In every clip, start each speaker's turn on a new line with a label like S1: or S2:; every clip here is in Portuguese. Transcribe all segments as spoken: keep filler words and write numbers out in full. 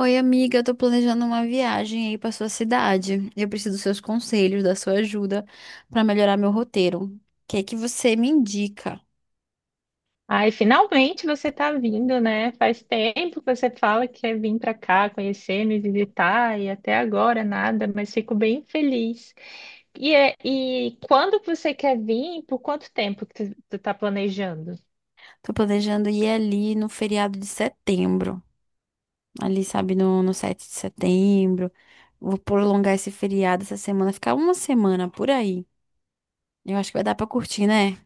S1: Oi, amiga, eu tô planejando uma viagem aí pra sua cidade. Eu preciso dos seus conselhos, da sua ajuda pra melhorar meu roteiro. O que é que você me indica?
S2: Ai, finalmente você tá vindo, né? Faz tempo que você fala que quer vir para cá conhecer, me visitar e até agora nada, mas fico bem feliz. E, é, e quando que você quer vir? Por quanto tempo que tu, tu tá planejando?
S1: Tô planejando ir ali no feriado de setembro. Ali, sabe, no, no sete de setembro. Vou prolongar esse feriado essa semana, ficar uma semana por aí. Eu acho que vai dar pra curtir, né?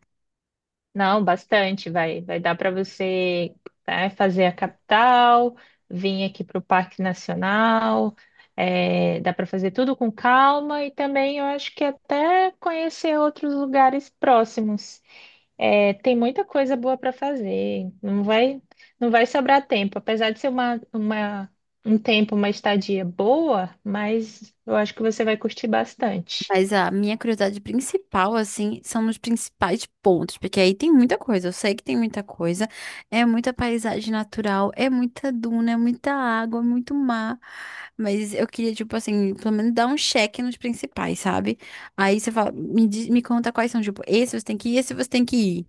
S2: Não, bastante, vai, vai dar para você, né, fazer a capital, vir aqui para o Parque Nacional. é, dá para fazer tudo com calma e também eu acho que até conhecer outros lugares próximos. É, tem muita coisa boa para fazer. Não vai, não vai sobrar tempo. Apesar de ser uma, uma, um tempo, uma estadia boa, mas eu acho que você vai curtir bastante.
S1: Mas a minha curiosidade principal, assim, são os principais pontos, porque aí tem muita coisa, eu sei que tem muita coisa, é muita paisagem natural, é muita duna, é muita água, é muito mar, mas eu queria, tipo assim, pelo menos dar um check nos principais, sabe? Aí você fala, me, diz- me conta quais são, tipo, esse você tem que ir, esse você tem que ir.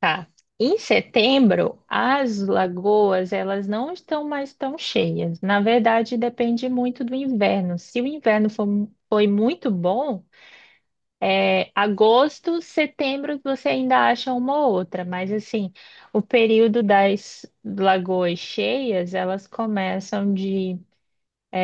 S2: Tá. Em setembro, as lagoas, elas não estão mais tão cheias. Na verdade, depende muito do inverno. Se o inverno for, foi muito bom, é, agosto, setembro, você ainda acha uma ou outra, mas assim, o período das lagoas cheias, elas começam de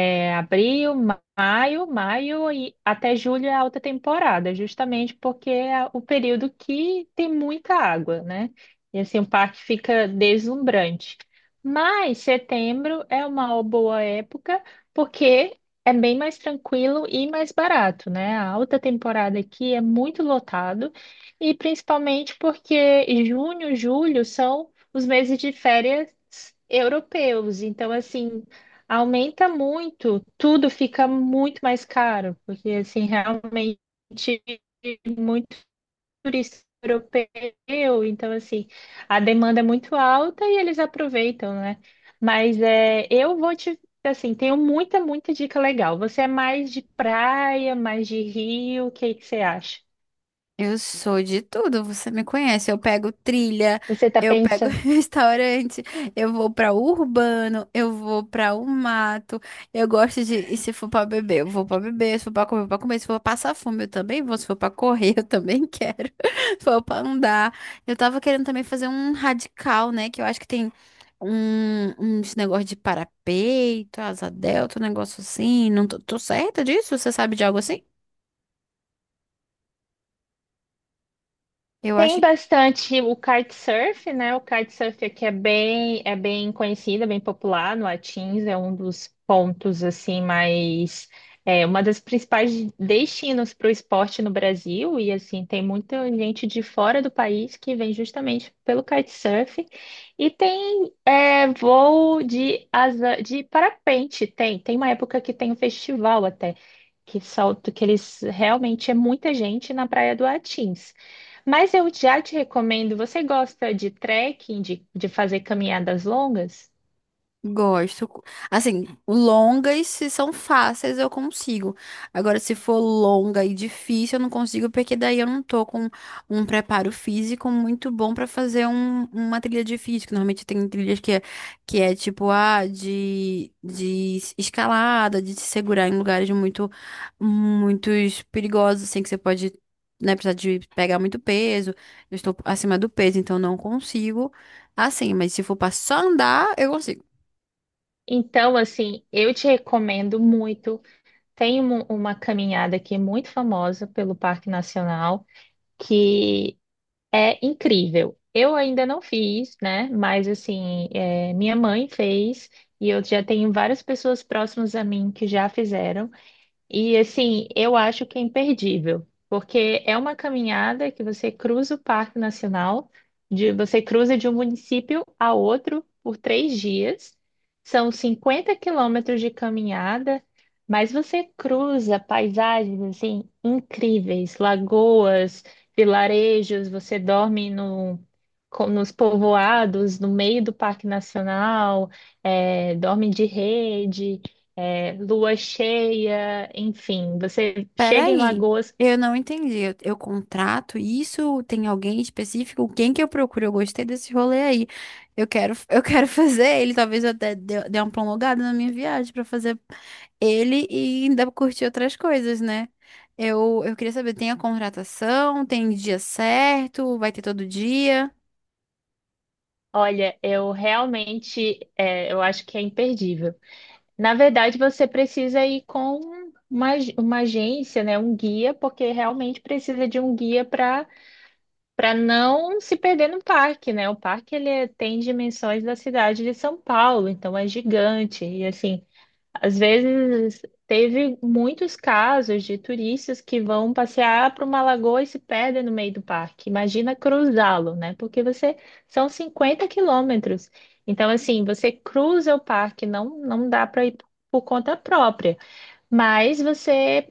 S2: é, abril, maio, maio e até julho é alta temporada, justamente porque é o período que tem muita água, né? E assim, o parque fica deslumbrante. Mas setembro é uma boa época porque é bem mais tranquilo e mais barato, né? A alta temporada aqui é muito lotado e principalmente porque junho, julho são os meses de férias europeus. Então, assim, Aumenta muito, tudo fica muito mais caro, porque assim, realmente muito turista europeu, então assim, a demanda é muito alta e eles aproveitam, né? Mas é, eu vou te, assim, tenho muita, muita dica legal. Você é mais de praia, mais de rio, o que que você acha?
S1: Eu sou de tudo, você me conhece. Eu pego trilha,
S2: Você tá
S1: eu pego
S2: pensando?
S1: restaurante, eu vou pra urbano, eu vou pra o mato. Eu gosto de, e se for pra beber, eu vou pra beber, se for pra comer, eu vou pra comer, se for pra passar fome, eu também vou, se for pra correr, eu também quero. Se for pra andar. Eu tava querendo também fazer um radical, né, que eu acho que tem um uns negócio de parapeito, asa delta, um negócio assim. Não tô, tô certa disso? Você sabe de algo assim? Eu acho.
S2: Tem bastante o kitesurf, né? O kitesurf aqui é bem, é bem, conhecido, é bem popular no Atins, é um dos pontos assim mais é uma das principais destinos para o esporte no Brasil e assim tem muita gente de fora do país que vem justamente pelo kitesurf e tem é, voo de asa de parapente, tem, tem uma época que tem um festival até que solto que eles realmente é muita gente na Praia do Atins. Mas eu já te recomendo, você gosta de trekking, de, de fazer caminhadas longas?
S1: Gosto. Assim, longas, se são fáceis, eu consigo. Agora, se for longa e difícil, eu não consigo, porque daí eu não tô com um preparo físico muito bom pra fazer um- uma trilha difícil. Que Normalmente tem trilhas que é, que é tipo, ah, de, de escalada, de se segurar em lugares muito, muitos perigosos, assim, que você pode, né, precisar de pegar muito peso. Eu estou acima do peso, então não consigo. Assim, mas se for pra só andar, eu consigo.
S2: Então, assim, eu te recomendo muito. Tem um- uma caminhada aqui muito famosa pelo Parque Nacional, que é incrível. Eu ainda não fiz, né? Mas, assim, é, minha mãe fez, e eu já tenho várias pessoas próximas a mim que já fizeram. E assim, eu acho que é imperdível, porque é uma caminhada que você cruza o Parque Nacional, de, você cruza de um município a outro por três dias. São cinquenta quilômetros de caminhada, mas você cruza paisagens assim incríveis, lagoas, vilarejos, você dorme no, com- nos povoados, no meio do Parque Nacional, eh, dorme de rede é, lua cheia, enfim, você chega em
S1: Peraí,
S2: Lagoas.
S1: eu não entendi. Eu, eu contrato isso? Tem alguém específico? Quem que eu procuro? Eu gostei desse rolê aí. Eu quero, eu quero fazer ele. Talvez eu até dê, dê uma prolongada na minha viagem pra fazer ele e ainda curtir outras coisas, né? Eu, eu queria saber, tem a contratação? Tem dia certo? Vai ter todo dia?
S2: Olha, eu realmente, é, eu acho que é imperdível. Na verdade, você precisa ir com uma, ag- uma agência, né, um guia, porque realmente precisa de um guia para para não se perder no parque, né? O parque ele é, tem dimensões da cidade de São Paulo, então é gigante e assim. Às vezes, teve muitos casos de turistas que vão passear para uma lagoa e se perdem no meio do parque. Imagina cruzá-lo, né? Porque você são 50 quilômetros. Então, assim, você cruza o parque, não, não dá para ir por conta própria, mas você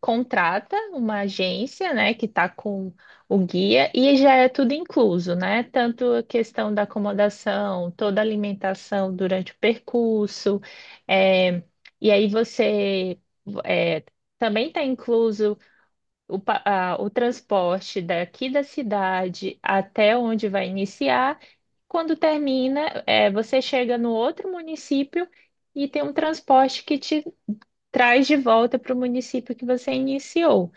S2: contrata uma agência, né, que está com o guia e já é tudo incluso, né? Tanto a questão da acomodação, toda a alimentação durante o percurso, é, e aí você é, também está incluso o, pa- a- o transporte daqui da cidade até onde vai iniciar. Quando termina, é, você chega no outro município e tem um transporte que te traz de volta para o município que você iniciou.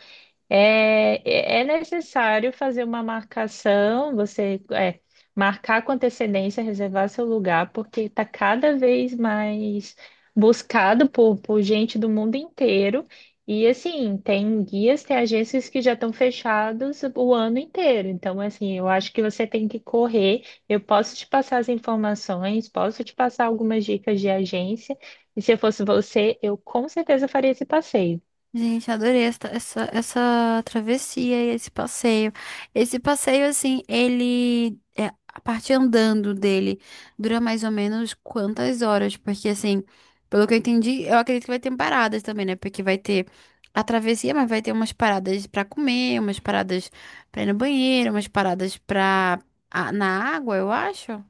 S2: É, é é necessário fazer uma marcação, você é, marcar com antecedência, reservar seu lugar, porque está cada vez mais buscado por, por gente do mundo inteiro. E assim, tem guias, tem agências que já estão fechados o ano inteiro. Então, assim, eu acho que você tem que correr. Eu posso te passar as informações, posso te passar algumas dicas de agência. E se eu fosse você, eu com certeza faria esse passeio.
S1: Gente, adorei essa essa, essa, travessia e esse passeio. Esse passeio, assim, ele. É, a parte andando dele dura mais ou menos quantas horas? Porque, assim, pelo que eu entendi, eu acredito que vai ter paradas também, né? Porque vai ter a travessia, mas vai ter umas paradas pra comer, umas paradas pra ir no banheiro, umas paradas pra. A- na água, eu acho.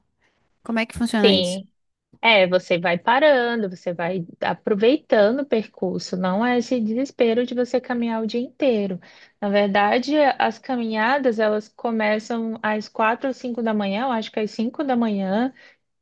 S1: Como é que funciona isso?
S2: Sim. É, você vai parando, você vai aproveitando o percurso, não é esse desespero de você caminhar o dia inteiro. Na verdade, as caminhadas, elas começam às quatro ou cinco da manhã, eu acho que é às cinco da manhã,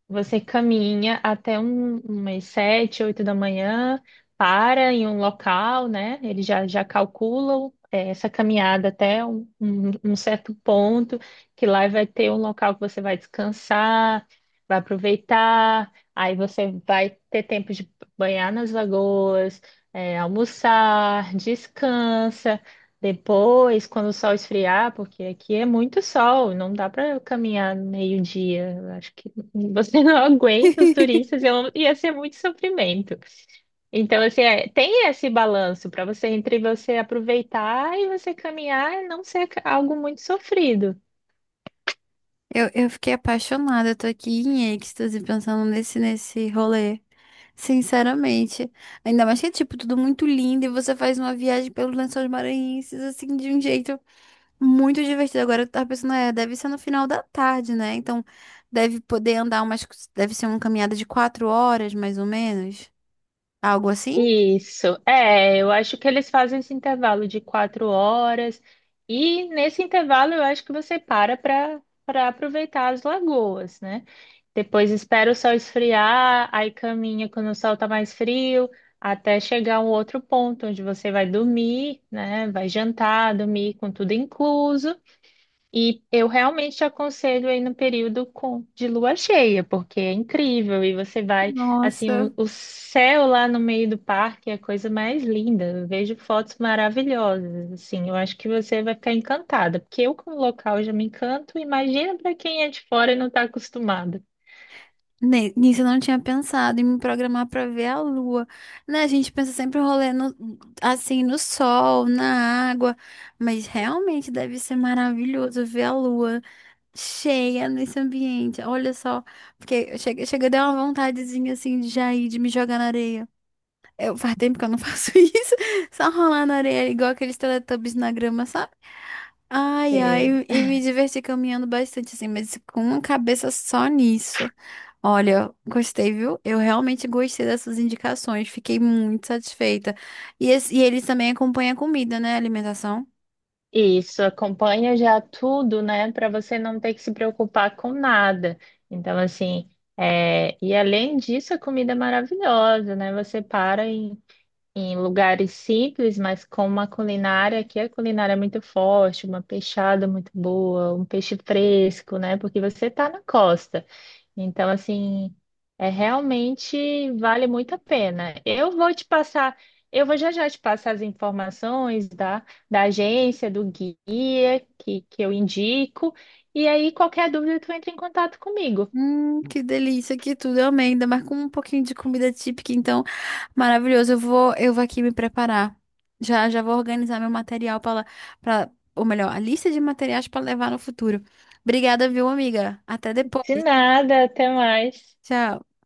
S2: você caminha até um, umas sete, oito da manhã, para em um local, né? Eles já, já calculam eh, essa caminhada até um, um- um certo ponto, que lá vai ter um local que você vai descansar, vai aproveitar, aí você vai ter tempo de banhar nas lagoas, eh, almoçar, descansa. Depois, quando o sol esfriar, porque aqui é muito sol, não dá para caminhar meio-dia. Eu Acho que você não aguenta os turistas, eu- ia ser muito sofrimento. Então, assim, é- tem esse balanço para você entre você aproveitar e você caminhar e não ser ca- algo muito sofrido.
S1: Eu, eu fiquei apaixonada, eu tô aqui em êxtase pensando nesse, nesse rolê. Sinceramente. Ainda mais que é, tipo, tudo muito lindo e você faz uma viagem pelos Lençóis Maranhenses, assim, de um jeito muito divertido. Agora eu tava pensando, é, deve ser no final da tarde, né? Então, deve poder andar umas, deve ser uma caminhada de quatro horas, mais ou menos. Algo assim?
S2: Isso, é, eu acho que eles fazem esse intervalo de quatro horas, e nesse intervalo eu acho que você para para para aproveitar as lagoas, né? Depois espera o sol esfriar, aí caminha quando o sol tá mais frio, até chegar a um outro ponto onde você vai dormir, né? Vai jantar, dormir com tudo incluso. E eu realmente te aconselho aí no período com, de lua cheia, porque é incrível. E você vai, assim,
S1: Nossa.
S2: o, o céu lá no meio do parque é a coisa mais linda. Eu vejo fotos maravilhosas, assim. Eu acho que você vai ficar encantada, porque eu, como local, já me encanto. Imagina para quem é de fora e não está acostumado.
S1: Ne- Nisso eu não tinha pensado em me programar pra ver a lua, né? A gente pensa sempre em rolê no, assim no sol, na água, mas realmente deve ser maravilhoso ver a lua cheia nesse ambiente. Olha só, porque chega, chega deu uma vontadezinha assim de já ir, de me jogar na areia. Eu, faz tempo que eu não faço isso, só rolar na areia, igual aqueles Teletubbies na grama, sabe? Ai,
S2: É.
S1: ai, e me diverti caminhando bastante assim, mas com uma cabeça só nisso. Olha, gostei, viu? Eu realmente gostei dessas indicações, fiquei muito satisfeita. E, esse- e eles também acompanham a comida, né? A alimentação.
S2: Isso, acompanha já tudo, né, para você não ter que se preocupar com nada. Então, assim, é, e além disso, a comida é maravilhosa, né? Você para em, em lugares simples, mas com uma culinária que a culinária é muito forte, uma peixada muito boa, um peixe fresco, né? Porque você está na costa. Então, assim, é realmente vale muito a pena. Eu vou te passar, eu vou já já te passar as informações da, da agência, do guia que, que eu indico. E aí, qualquer dúvida, tu entra em contato comigo.
S1: Hum, que delícia, que tudo, eu amei, ainda mais com um pouquinho de comida típica, então, maravilhoso, eu vou, eu vou aqui me preparar, já, já vou organizar meu material para, para, ou melhor, a lista de materiais para levar no futuro. Obrigada, viu, amiga? Até depois,
S2: De nada, até mais.
S1: tchau.